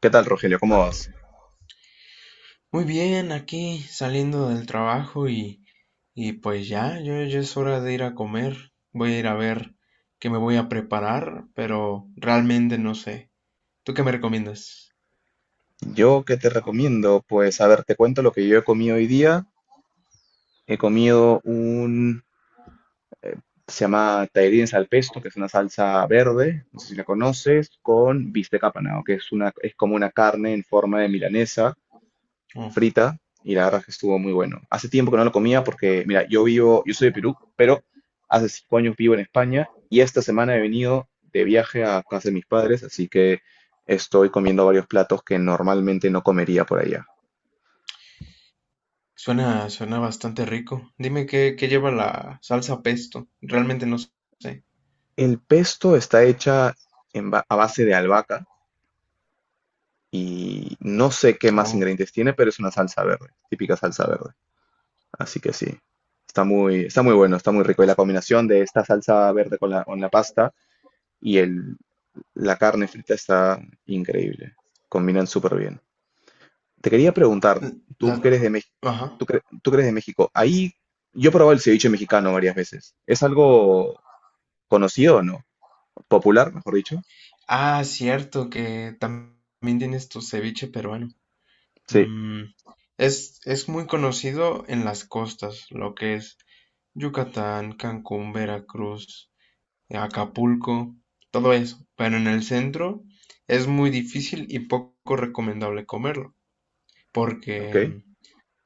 ¿Qué tal, Rogelio? ¿Cómo vas? Muy bien, aquí saliendo del trabajo y pues ya, yo ya es hora de ir a comer. Voy a ir a ver qué me voy a preparar, pero realmente no sé. ¿Tú qué me recomiendas? Yo que te recomiendo, pues a ver, te cuento lo que yo he comido hoy día. He comido se llama taerines al pesto, que es una salsa verde, no sé si la conoces, con bistec apanado, que es es como una carne en forma de milanesa Oh, frita, y la verdad es que estuvo muy bueno. Hace tiempo que no lo comía porque, mira, yo soy de Perú, pero hace 5 años vivo en España, y esta semana he venido de viaje a casa de mis padres, así que estoy comiendo varios platos que normalmente no comería por allá. suena, suena bastante rico. Dime qué lleva la salsa pesto. Realmente no sé. El pesto está hecha a base de albahaca y no sé qué más Oh, ingredientes tiene, pero es una salsa verde, típica salsa verde. Así que sí, está muy bueno, está muy rico. Y la combinación de esta salsa verde con la pasta y la carne frita está increíble. Combinan súper bien. Te quería preguntar, la, tú que eres de México, ajá. tú que eres de México, ahí yo he probado el ceviche mexicano varias veces. ¿Es algo conocido o no? ¿Popular, mejor dicho? Ah, cierto que también tienes tu ceviche peruano. Sí. Mm, es muy conocido en las costas, lo que es. Yucatán, Cancún, Veracruz, Acapulco, todo eso. Pero en el centro es muy difícil y poco recomendable comerlo, Ok. porque,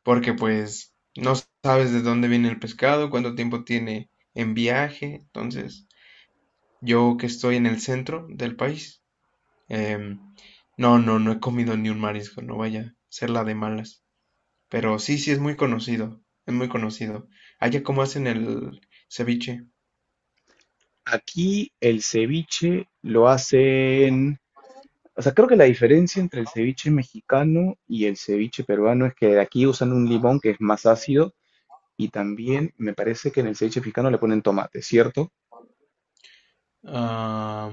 porque pues no sabes de dónde viene el pescado, cuánto tiempo tiene en viaje. Entonces, yo que estoy en el centro del país, em, no, no, no he comido ni un marisco, no vaya a ser la de malas. Pero sí, sí, es muy conocido, es muy conocido. ¿Allá cómo hacen el ceviche? Aquí el ceviche lo hacen, o sea, creo que la diferencia entre el ceviche mexicano y el ceviche peruano es que aquí usan un limón que es más ácido y también me parece que en el ceviche mexicano le ponen tomate, ¿cierto? Ah,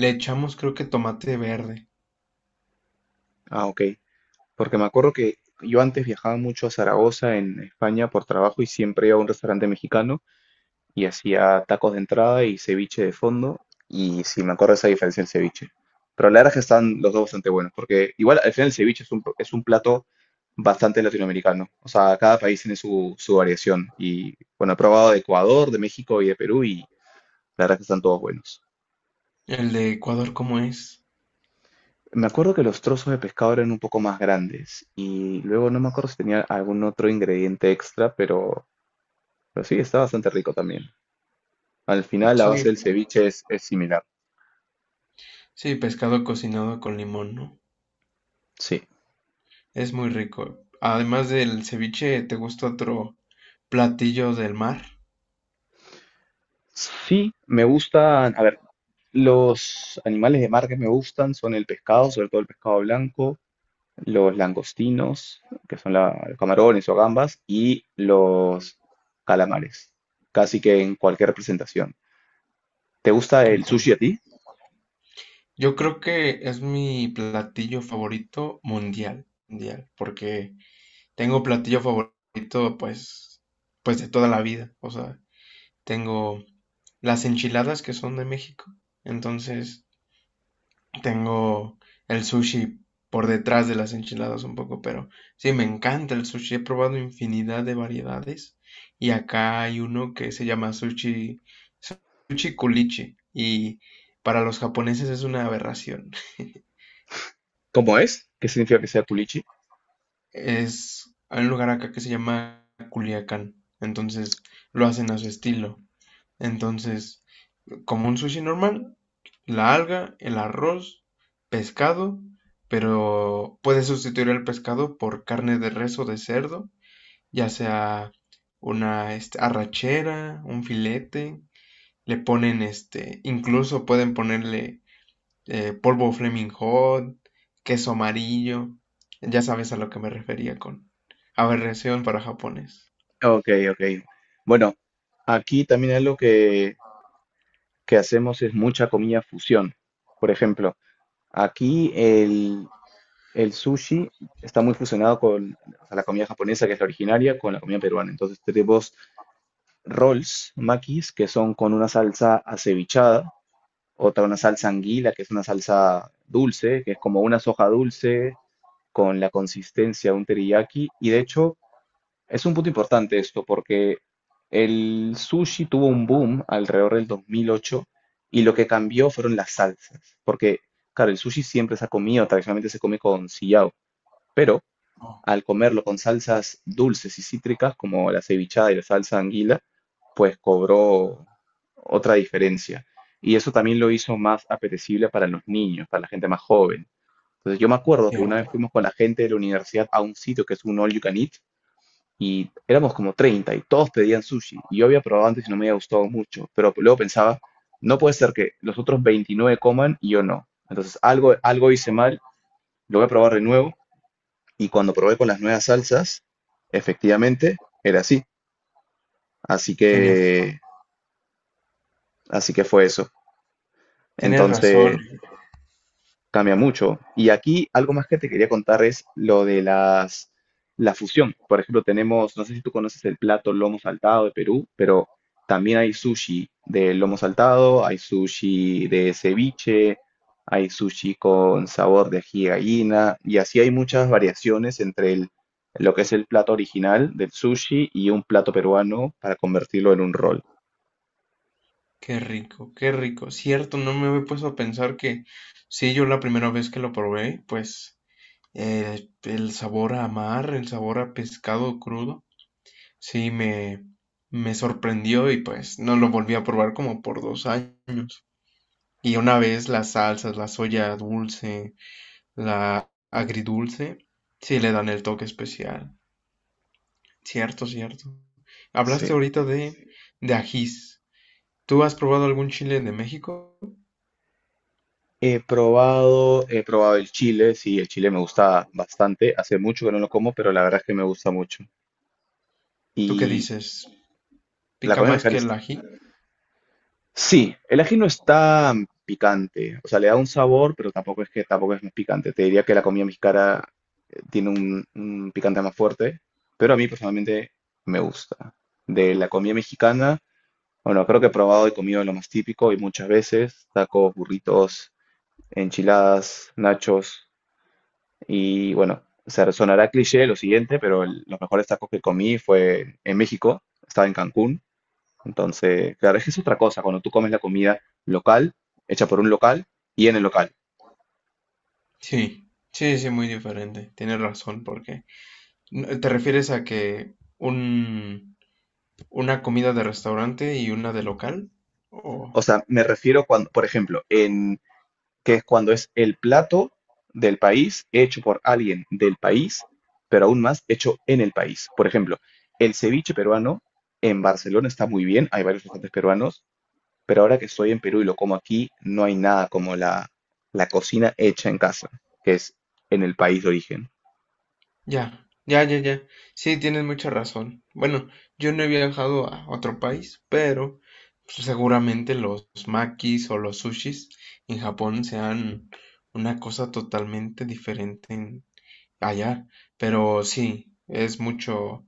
le echamos creo que tomate verde. Ah, ok. Porque me acuerdo que yo antes viajaba mucho a Zaragoza en España por trabajo y siempre iba a un restaurante mexicano y hacía tacos de entrada y ceviche de fondo. Y si me acuerdo esa diferencia el ceviche. Pero a la verdad es que están los dos bastante buenos, porque igual al final el ceviche es un plato bastante latinoamericano. O sea, cada país tiene su variación. Y bueno, he probado de Ecuador, de México y de Perú y la verdad es que están todos buenos. El de Ecuador, ¿cómo es? Me acuerdo que los trozos de pescado eran un poco más grandes y luego no me acuerdo si tenía algún otro ingrediente extra, pero sí, está bastante rico también. Al final la base del Sí, ceviche es similar. sí, pescado cocinado con limón, ¿no? Sí. Es muy rico. Además del ceviche, ¿te gusta otro platillo del mar? Sí, me gustan, a ver, los animales de mar que me gustan son el pescado, sobre todo el pescado blanco, los langostinos, que son los camarones o gambas, y los calamares, casi que en cualquier representación. ¿Te gusta el Híjole, sushi a ti? yo creo que es mi platillo favorito mundial, mundial, porque tengo platillo favorito, pues de toda la vida. O sea, tengo las enchiladas que son de México. Entonces, tengo el sushi por detrás de las enchiladas un poco, pero sí, me encanta el sushi. He probado infinidad de variedades y acá hay uno que se llama sushi kulichi y para los japoneses es una aberración. ¿Cómo es? ¿Qué significa que sea culichi? Hay un lugar acá que se llama Culiacán, entonces lo hacen a su estilo. Entonces, como un sushi normal, la alga, el arroz, pescado, pero puedes sustituir el pescado por carne de res o de cerdo, ya sea una arrachera, un filete, le ponen incluso pueden ponerle polvo Flaming Hot, queso amarillo, ya sabes a lo que me refería con aberración para japonés. Ok, ok. Bueno, aquí también algo que hacemos es mucha comida fusión. Por ejemplo, aquí el sushi está muy fusionado o sea, la comida japonesa, que es la originaria, con la comida peruana. Entonces tenemos rolls, makis, que son con una salsa acevichada, otra una salsa anguila, que es una salsa dulce, que es como una soja dulce con la consistencia de un teriyaki. Y de hecho, es un punto importante esto, porque el sushi tuvo un boom alrededor del 2008 y lo que cambió fueron las salsas, porque, claro, el sushi siempre se ha comido, tradicionalmente se come con sillao, pero al comerlo con salsas dulces y cítricas como la cevichada y la salsa anguila, pues cobró otra diferencia. Y eso también lo hizo más apetecible para los niños, para la gente más joven. Entonces yo me acuerdo que una vez Cierto, fuimos con la gente de la universidad a un sitio que es un all you can eat y éramos como 30 y todos pedían sushi. Y yo había probado antes y no me había gustado mucho, pero luego pensaba, no puede ser que los otros 29 coman y yo no. Entonces algo hice mal, lo voy a probar de nuevo y cuando probé con las nuevas salsas, efectivamente era así. Así tienes, que, así que fue eso. tienes razón. Entonces, cambia mucho. Y aquí algo más que te quería contar es lo de la fusión. Por ejemplo, tenemos, no sé si tú conoces el plato lomo saltado de Perú, pero también hay sushi de lomo saltado, hay sushi de ceviche, hay sushi con sabor de ají de gallina, y así hay muchas variaciones entre lo que es el plato original del sushi y un plato peruano para convertirlo en un rol. Qué rico, qué rico. Cierto, no me había puesto a pensar que sí, yo la primera vez que lo probé, pues el sabor a mar, el sabor a pescado crudo, sí me sorprendió y pues no lo volví a probar como por 2 años. Y una vez las salsas, la soya dulce, la agridulce, sí le dan el toque especial. Cierto, cierto. Sí. Hablaste ahorita de ajís. ¿Tú has probado algún chile de México? He probado el chile, sí, el chile me gusta bastante. Hace mucho que no lo como, pero la verdad es que me gusta mucho. ¿Tú qué Y dices? la Pica comida más mexicana que el es... ají. Sí, el ají no es tan picante, o sea, le da un sabor, pero tampoco es que tampoco es muy picante. Te diría que la comida mexicana tiene un picante más fuerte, pero a mí personalmente me gusta. De la comida mexicana, bueno, creo que he probado y comido lo más típico y muchas veces, tacos, burritos, enchiladas, nachos. Y bueno, o sea, sonará cliché lo siguiente, pero los mejores tacos que comí fue en México, estaba en Cancún. Entonces, claro, es que es otra cosa cuando tú comes la comida local, hecha por un local y en el local. Sí, sí, sí, muy diferente. Tienes razón, porque ¿te refieres a que un, una comida de restaurante y una de local? O O sea, me refiero cuando, por ejemplo, en que es cuando es el plato del país hecho por alguien del país, pero aún más hecho en el país. Por ejemplo, el ceviche peruano en Barcelona está muy bien, hay varios restaurantes peruanos, pero ahora que estoy en Perú y lo como aquí, no hay nada como la cocina hecha en casa, que es en el país de origen. ya, ya, ya, ya. Sí, tienes mucha razón. Bueno, yo no he viajado a otro país, pero seguramente los makis o los sushis en Japón sean una cosa totalmente diferente allá. Pero sí, es mucho.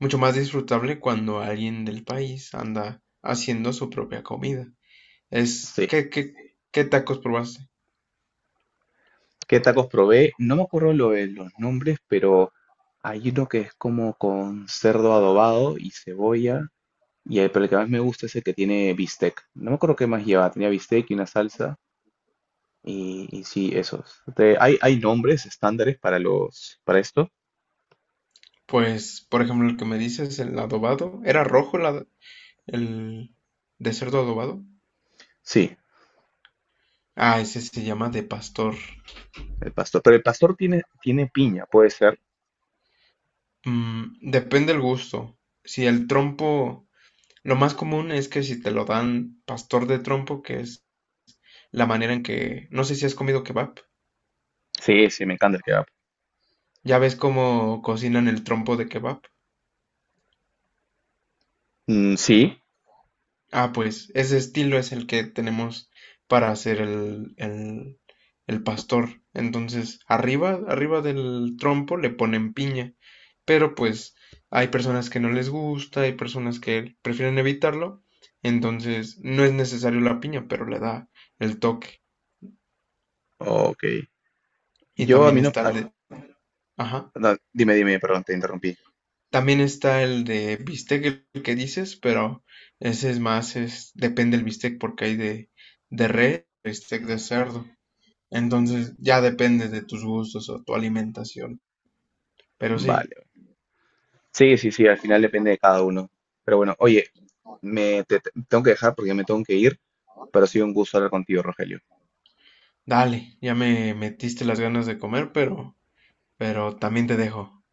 mucho más disfrutable cuando alguien del país anda haciendo su propia comida. Es, Sí. ¿qué, qué, qué tacos probaste? ¿Qué tacos probé? No me acuerdo lo de los nombres, pero hay uno que es como con cerdo adobado y cebolla. Y el, pero el que más me gusta es el que tiene bistec. No me acuerdo qué más lleva. Tenía bistec y una salsa. Y sí, esos. Te- hay nombres estándares para los, para esto. Pues, por ejemplo, el que me dices, el adobado, ¿era rojo el de cerdo adobado? Sí, Ah, ese se llama de pastor. el pastor. Pero el pastor tiene piña, puede ser. Depende del gusto. Si el trompo, lo más común es que si te lo dan pastor de trompo, que es la manera en que, no sé si has comido kebab, Sí, sí, me encanta el que ya ves cómo cocinan el trompo de kebab. mm, sí, Ah, pues ese estilo es el que tenemos para hacer el pastor. Entonces, arriba del trompo le ponen piña, pero pues hay personas que no les gusta, hay personas que prefieren evitarlo, entonces no es necesario la piña, pero le da el toque. ok. Y Yo a también mí no... está a- el de, ajá, no, dime, dime, perdón, te interrumpí. también está el de bistec el que dices, pero ese es más, depende del bistec porque hay de res, bistec de cerdo. Entonces ya depende de tus gustos o tu alimentación. Pero sí, Vale. Sí, sí, sí, al final depende de cada uno. Pero bueno, oye, me tengo que dejar porque me tengo que ir, pero ha sido un gusto hablar contigo, Rogelio. dale, ya me metiste las ganas de comer, pero también te dejo.